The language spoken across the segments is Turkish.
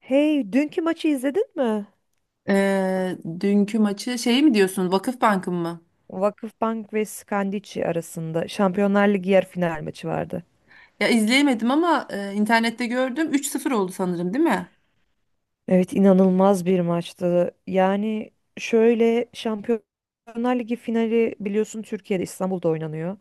Hey, dünkü maçı izledin mi? Dünkü maçı şey mi diyorsun? Vakıfbank'ın mı? Vakıfbank ve Skandici arasında Şampiyonlar Ligi yarı final maçı vardı. Ya izleyemedim ama internette gördüm. 3-0 oldu sanırım, değil mi? Evet, inanılmaz bir maçtı. Yani şöyle Şampiyonlar Ligi finali biliyorsun Türkiye'de İstanbul'da oynanıyor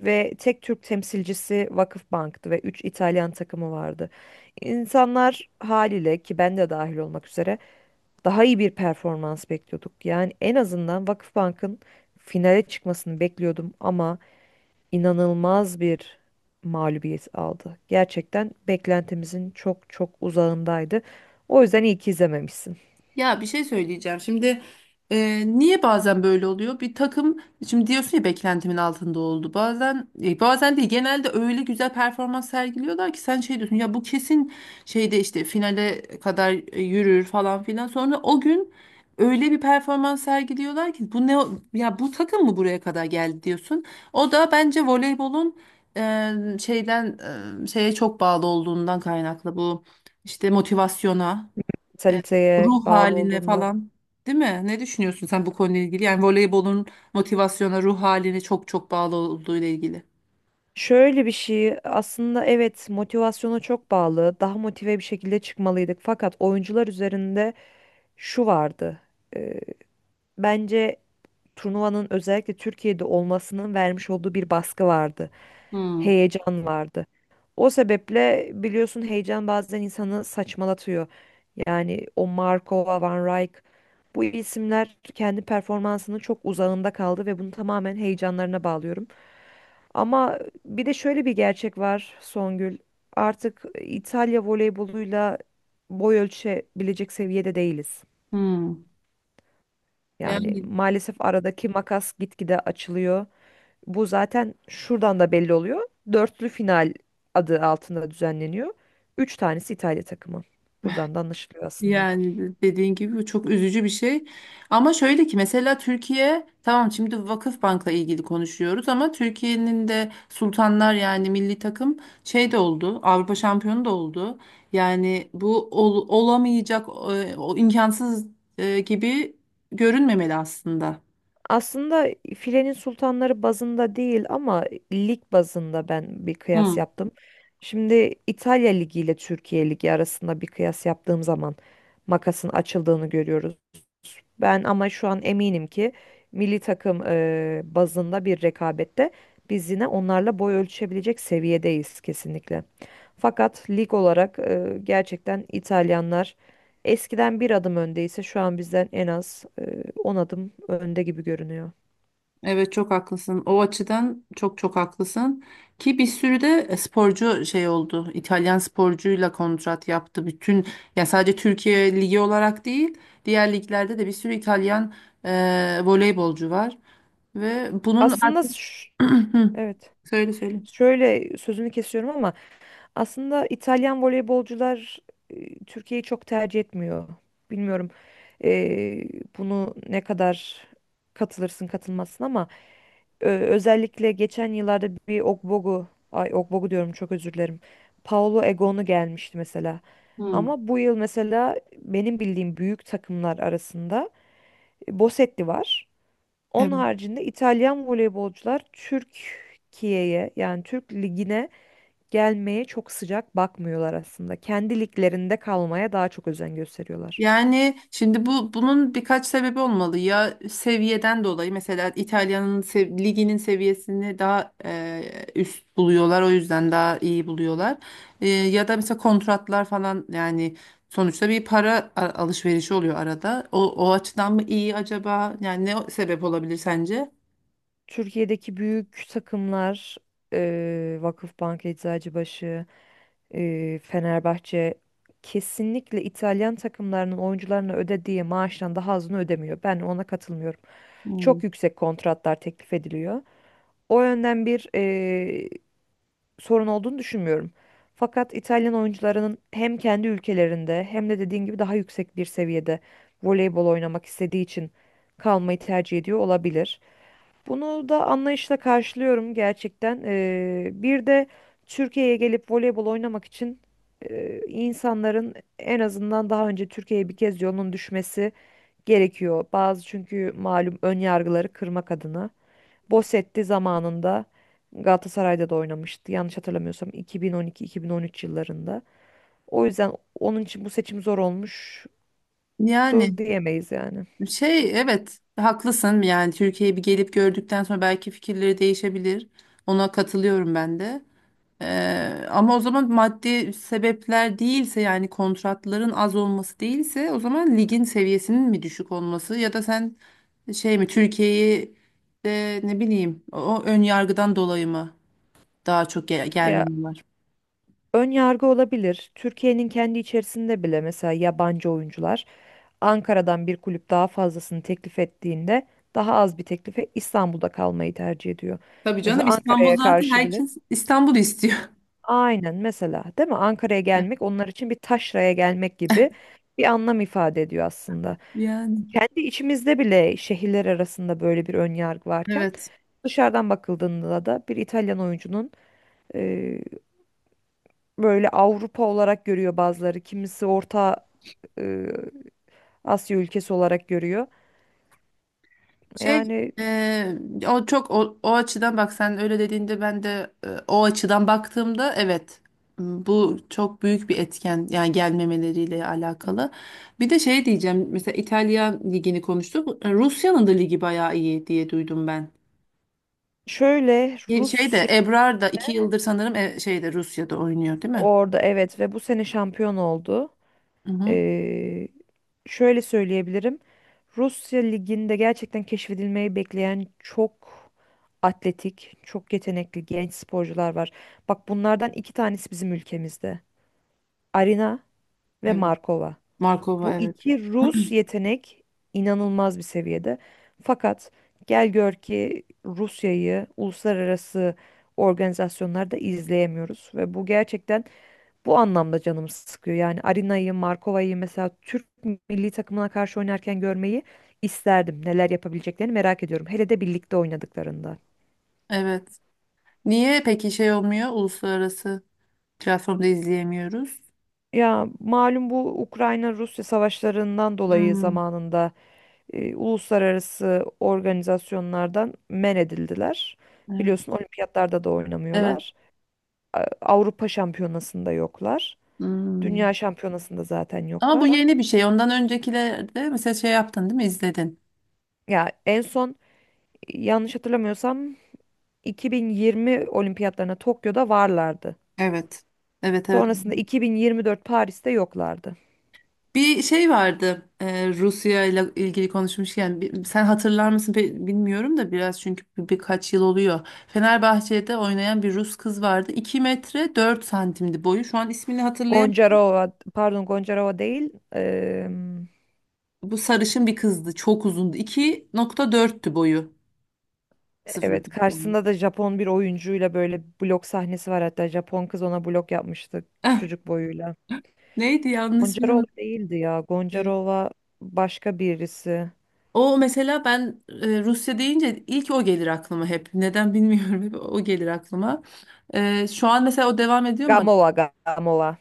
ve tek Türk temsilcisi Vakıfbank'tı ve 3 İtalyan takımı vardı. İnsanlar haliyle ki ben de dahil olmak üzere daha iyi bir performans bekliyorduk. Yani en azından Vakıfbank'ın finale çıkmasını bekliyordum ama inanılmaz bir mağlubiyet aldı. Gerçekten beklentimizin çok çok uzağındaydı. O yüzden iyi ki izlememişsin. Ya, bir şey söyleyeceğim. Şimdi niye bazen böyle oluyor? Bir takım, şimdi diyorsun ya beklentimin altında oldu. Bazen bazen değil, genelde öyle güzel performans sergiliyorlar ki sen şey diyorsun ya, bu kesin şeyde işte finale kadar yürür falan filan. Sonra o gün öyle bir performans sergiliyorlar ki bu ya bu takım mı buraya kadar geldi diyorsun. O da bence voleybolun e, şeyden şeye çok bağlı olduğundan kaynaklı, bu işte motivasyona, e, Mentaliteye ruh bağlı haline olduğundan. falan. Değil mi? Ne düşünüyorsun sen bu konuyla ilgili? Yani voleybolun motivasyona, ruh haline çok çok bağlı olduğu ile ilgili. Şöyle bir şey aslında, evet, motivasyona çok bağlı. Daha motive bir şekilde çıkmalıydık. Fakat oyuncular üzerinde şu vardı. Ee, Bence turnuvanın özellikle Türkiye'de olmasının vermiş olduğu bir baskı vardı. Hmm. Heyecan vardı. O sebeple biliyorsun heyecan bazen insanı saçmalatıyor. Yani o Markova, Van Rijk bu isimler kendi performansının çok uzağında kaldı ve bunu tamamen heyecanlarına bağlıyorum. Ama bir de şöyle bir gerçek var Songül. Artık İtalya voleyboluyla boy ölçebilecek seviyede değiliz. Hmm. Yani Yani maalesef aradaki makas gitgide açılıyor. Bu zaten şuradan da belli oluyor. Dörtlü final adı altında düzenleniyor. Üç tanesi İtalya takımı. Buradan da anlaşılıyor aslında. yani dediğin gibi bu çok üzücü bir şey. Ama şöyle ki, mesela Türkiye, tamam, şimdi Vakıfbank'la ilgili konuşuyoruz ama Türkiye'nin de Sultanlar, yani milli takım şey de oldu. Avrupa şampiyonu da oldu. Yani bu olamayacak, o imkansız gibi görünmemeli aslında. Aslında filenin sultanları bazında değil ama lig bazında ben bir kıyas Hı, yaptım. Şimdi İtalya Ligi ile Türkiye Ligi arasında bir kıyas yaptığım zaman makasın açıldığını görüyoruz. Ben ama şu an eminim ki milli takım bazında bir rekabette biz yine onlarla boy ölçüşebilecek seviyedeyiz kesinlikle. Fakat lig olarak gerçekten İtalyanlar eskiden bir adım öndeyse şu an bizden en az 10 adım önde gibi görünüyor. evet çok haklısın. O açıdan çok çok haklısın. Ki bir sürü de sporcu şey oldu. İtalyan sporcuyla kontrat yaptı. Bütün, ya, sadece Türkiye ligi olarak değil, diğer liglerde de bir sürü İtalyan voleybolcu var ve bunun Aslında artık... ş- Hı, evet, söyle söyle. şöyle, sözünü kesiyorum ama aslında İtalyan voleybolcular Türkiye'yi çok tercih etmiyor. Bilmiyorum, e, bunu ne kadar katılırsın katılmazsın ama özellikle geçen yıllarda bir Ogbogu, ay Ogbogu diyorum, çok özür dilerim. Paolo Egonu gelmişti mesela. Hmm. Ama bu yıl mesela benim bildiğim büyük takımlar arasında Bosetti var. Onun haricinde İtalyan voleybolcular Türkiye'ye, yani Türk ligine gelmeye çok sıcak bakmıyorlar aslında. Kendi liglerinde kalmaya daha çok özen gösteriyorlar. Yani şimdi bu, bunun birkaç sebebi olmalı. Ya seviyeden dolayı, mesela İtalya'nın liginin seviyesini daha üst buluyorlar. O yüzden daha iyi buluyorlar. Ya da mesela kontratlar falan, yani sonuçta bir para alışverişi oluyor arada. O açıdan mı iyi acaba? Yani ne sebep olabilir sence? Türkiye'deki büyük takımlar Vakıfbank, Eczacıbaşı, Fenerbahçe kesinlikle İtalyan takımlarının oyuncularına ödediği maaştan daha azını ödemiyor. Ben ona katılmıyorum. Hmm. Çok yüksek kontratlar teklif ediliyor. O yönden bir sorun olduğunu düşünmüyorum. Fakat İtalyan oyuncularının hem kendi ülkelerinde hem de dediğin gibi daha yüksek bir seviyede voleybol oynamak istediği için kalmayı tercih ediyor olabilir. Bunu da anlayışla karşılıyorum gerçekten. Bir de Türkiye'ye gelip voleybol oynamak için insanların en azından daha önce Türkiye'ye bir kez yolunun düşmesi gerekiyor. Bazı çünkü malum ön yargıları kırmak adına. Bosetti zamanında Galatasaray'da da oynamıştı. Yanlış hatırlamıyorsam 2012-2013 yıllarında. O yüzden onun için bu seçim zor olmuştur Yani diyemeyiz yani. şey, evet haklısın. Yani Türkiye'yi bir gelip gördükten sonra belki fikirleri değişebilir. Ona katılıyorum ben de. Ama o zaman maddi sebepler değilse, yani kontratların az olması değilse, o zaman ligin seviyesinin mi düşük olması, ya da sen şey mi Türkiye'yi de ne bileyim o ön yargıdan dolayı mı daha çok Ya, gelmiyorlar? ön yargı olabilir. Türkiye'nin kendi içerisinde bile mesela yabancı oyuncular Ankara'dan bir kulüp daha fazlasını teklif ettiğinde daha az bir teklife İstanbul'da kalmayı tercih ediyor. Tabii canım, Mesela İstanbul, Ankara'ya zaten karşı bile herkes İstanbul istiyor. aynen mesela, değil mi? Ankara'ya gelmek onlar için bir taşraya gelmek gibi bir anlam ifade ediyor aslında. Yani. Kendi içimizde bile şehirler arasında böyle bir ön yargı varken Evet. dışarıdan bakıldığında da bir İtalyan oyuncunun e, böyle Avrupa olarak görüyor bazıları. Kimisi Orta e, Asya ülkesi olarak görüyor. Şey, Yani e, o çok, o açıdan bak, sen öyle dediğinde ben de o açıdan baktığımda, evet, bu çok büyük bir etken yani gelmemeleriyle alakalı. Bir de şey diyeceğim, mesela İtalya ligini konuştuk. Rusya'nın da ligi bayağı iyi diye duydum ben. şöyle Şey de, Rusya Ebrar da 2 yıldır sanırım şeyde, Rusya'da oynuyor değil mi? orada, evet, ve bu sene şampiyon oldu. Hı hı. Ee, Şöyle söyleyebilirim. Rusya liginde gerçekten keşfedilmeyi bekleyen çok atletik, çok yetenekli genç sporcular var. Bak bunlardan iki tanesi bizim ülkemizde. Arina ve Evet. Markova. Markova, Bu evet. iki Rus yetenek inanılmaz bir seviyede. Fakat gel gör ki Rusya'yı uluslararası organizasyonlarda izleyemiyoruz ve bu gerçekten bu anlamda canım sıkıyor. Yani Arina'yı, Markova'yı mesela Türk milli takımına karşı oynarken görmeyi isterdim. Neler yapabileceklerini merak ediyorum. Hele de birlikte oynadıklarında. Evet. Niye peki şey olmuyor, uluslararası platformda izleyemiyoruz? Ya malum bu Ukrayna-Rusya savaşlarından dolayı Hmm, zamanında uluslararası organizasyonlardan men edildiler. evet. Biliyorsun olimpiyatlarda da Evet. oynamıyorlar. Avrupa şampiyonasında yoklar. Hmm. Dünya şampiyonasında zaten Ama bu yoklar. yeni bir şey. Ondan öncekilerde mesela şey yaptın, değil mi? İzledin. Ya en son yanlış hatırlamıyorsam 2020 olimpiyatlarına Tokyo'da varlardı. Evet. Evet, evet. Sonrasında 2024 Paris'te yoklardı. Bir şey vardı. Rusya ile ilgili konuşmuşken, sen hatırlar mısın, bilmiyorum da biraz çünkü birkaç yıl oluyor. Fenerbahçe'de oynayan bir Rus kız vardı. 2 metre 4 santimdi boyu. Şu an ismini hatırlayamıyorum. Goncarova, pardon, Goncarova değil. Bu sarışın bir kızdı. Çok uzundu. 2.4'tü boyu. Sıfır. Evet, Yani. karşısında da Japon bir oyuncuyla böyle blok sahnesi var, hatta Japon kız ona blok yapmıştı Eh, küçücük boyuyla. neydi, yanlış, ismini Goncarova unuttum. değildi ya. Goncarova başka birisi. O, mesela ben Rusya deyince ilk o gelir aklıma hep. Neden bilmiyorum, hep o gelir aklıma. Şu an mesela o devam ediyor mu? Gamova, Gamova.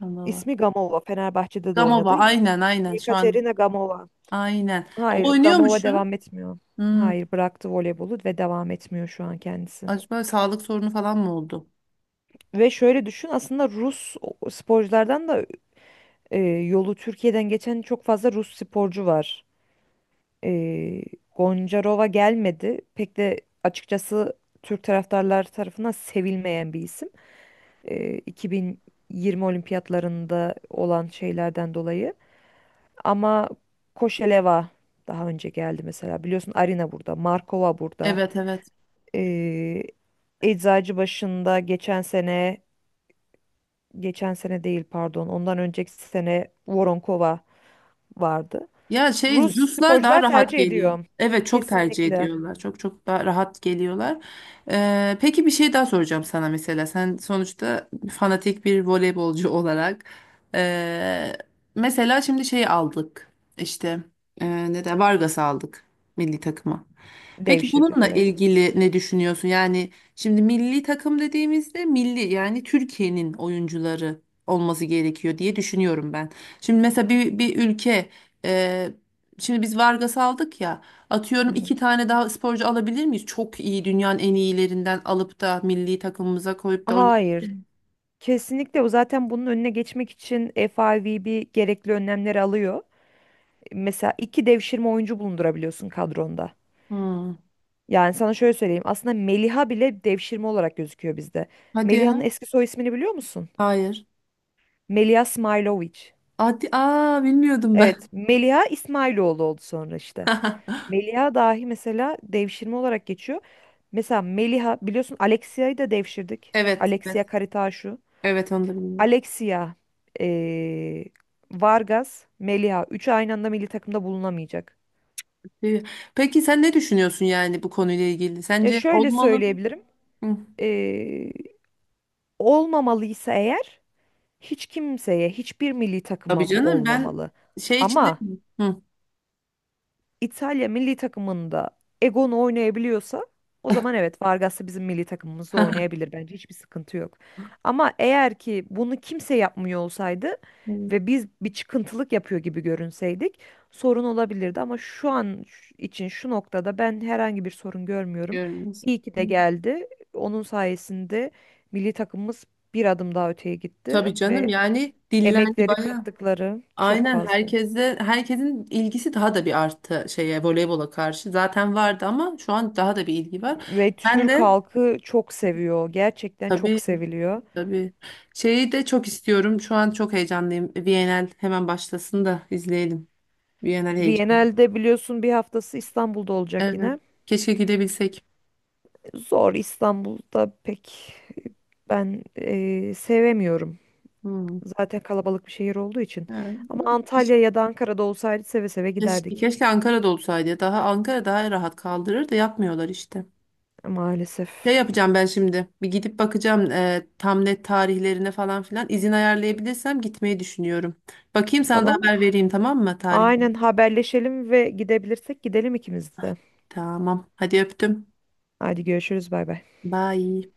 Gamova. İsmi Gamova. Fenerbahçe'de de Gamova, oynadı. aynen aynen, şu an Yekaterina Gamova. aynen. O Hayır, oynuyor mu Gamova şu an? devam etmiyor. Hmm, Hayır, bıraktı voleybolu ve devam etmiyor şu an kendisi. acaba sağlık sorunu falan mı oldu? Ve şöyle düşün, aslında Rus sporculardan da yolu Türkiye'den geçen çok fazla Rus sporcu var. E, Goncarova gelmedi. Pek de açıkçası Türk taraftarlar tarafından sevilmeyen bir isim. 2020 olimpiyatlarında olan şeylerden dolayı. Ama Koşeleva daha önce geldi mesela. Biliyorsun Arina burada, Markova burada. Evet, evet. Ee, Eczacıbaşı'nda geçen sene, geçen sene değil pardon, ondan önceki sene Voronkova vardı. Ya şey, Rus Ruslar daha sporcular rahat tercih geliyor. ediyor. Evet, çok tercih Kesinlikle ediyorlar. Çok çok daha rahat geliyorlar. Peki bir şey daha soracağım sana, mesela. Sen sonuçta fanatik bir voleybolcu olarak. ee, mesela şimdi şeyi aldık. İşte ne de Vargas'ı aldık milli takıma. Peki devşirdik, bununla evet. ilgili ne düşünüyorsun? Yani şimdi milli takım dediğimizde milli, yani Türkiye'nin oyuncuları olması gerekiyor diye düşünüyorum ben. Şimdi mesela bir ülke, e, şimdi biz Vargas'ı aldık ya, Hı atıyorum hı. iki tane daha sporcu alabilir miyiz? Çok iyi, dünyanın en iyilerinden alıp da milli takımımıza koyup da... Hayır, kesinlikle o zaten bunun önüne geçmek için FIVB gerekli önlemleri alıyor. Mesela iki devşirme oyuncu bulundurabiliyorsun kadronda. Hmm. Yani sana şöyle söyleyeyim. Aslında Meliha bile devşirme olarak gözüküyor bizde. Hadi Meliha'nın ya. eski soy ismini biliyor musun? Hayır. Meliha Smailovic. Hadi, aa, bilmiyordum ben. Evet, Meliha İsmailoğlu oldu sonra işte. Meliha dahi mesela devşirme olarak geçiyor. Mesela Meliha biliyorsun, Alexia'yı da devşirdik. Evet, evet. Alexia Karitaşu. Evet, onu da bilmiyordum. Alexia, eee, Vargas, Meliha. Üçü aynı anda milli takımda bulunamayacak. Ee, Peki sen ne düşünüyorsun yani bu konuyla ilgili? Ya Sence şöyle olmalı mı? söyleyebilirim. Hı. Olmamalıysa eğer, hiç kimseye, hiçbir milli Tabii takıma bu canım, ben olmamalı. şey için de... Ama Hı. İtalya milli takımında Egon'u oynayabiliyorsa o zaman evet, Vargas da bizim milli takımımızda oynayabilir, bence hiçbir sıkıntı yok. Ama eğer ki bunu kimse yapmıyor olsaydı Evet. ve biz bir çıkıntılık yapıyor gibi görünseydik sorun olabilirdi ama şu an için şu noktada ben herhangi bir sorun görmüyorum. Görmüyoruz. İyi ki Hı. de geldi. Onun sayesinde milli takımımız bir adım daha öteye gitti Tabii canım, ve yani dillendi emekleri bayağı. kattıkları çok Aynen, fazla. Herkesin ilgisi daha da bir arttı şeye, voleybola karşı. Zaten vardı ama şu an daha da bir ilgi var. Ve Ben Türk de, halkı çok seviyor. Gerçekten tabii çok seviliyor. tabii, şeyi de çok istiyorum. Şu an çok heyecanlıyım. VNL hemen başlasın da izleyelim. VNL heyecanı. Viyana'da biliyorsun bir haftası İstanbul'da olacak Evet. yine. Keşke gidebilsek. Zor, İstanbul'da pek ben sevemiyorum. Hı. Zaten kalabalık bir şehir olduğu için. Ha, Ama hiç- Antalya ya da Ankara'da olsaydı seve seve Keşke, giderdik. keşke Ankara'da olsaydı, ya. Daha, Ankara daha rahat kaldırır da yapmıyorlar işte. Maalesef. Şey yapacağım ben şimdi. Bir gidip bakacağım, tam net tarihlerine falan filan. İzin ayarlayabilirsem gitmeyi düşünüyorum. Bakayım, sana da Tamam mı? haber vereyim, tamam mı, tarih? Aynen haberleşelim ve gidebilirsek gidelim ikimiz de. Tamam. Hadi öptüm. Hadi görüşürüz, bay bay. Bye.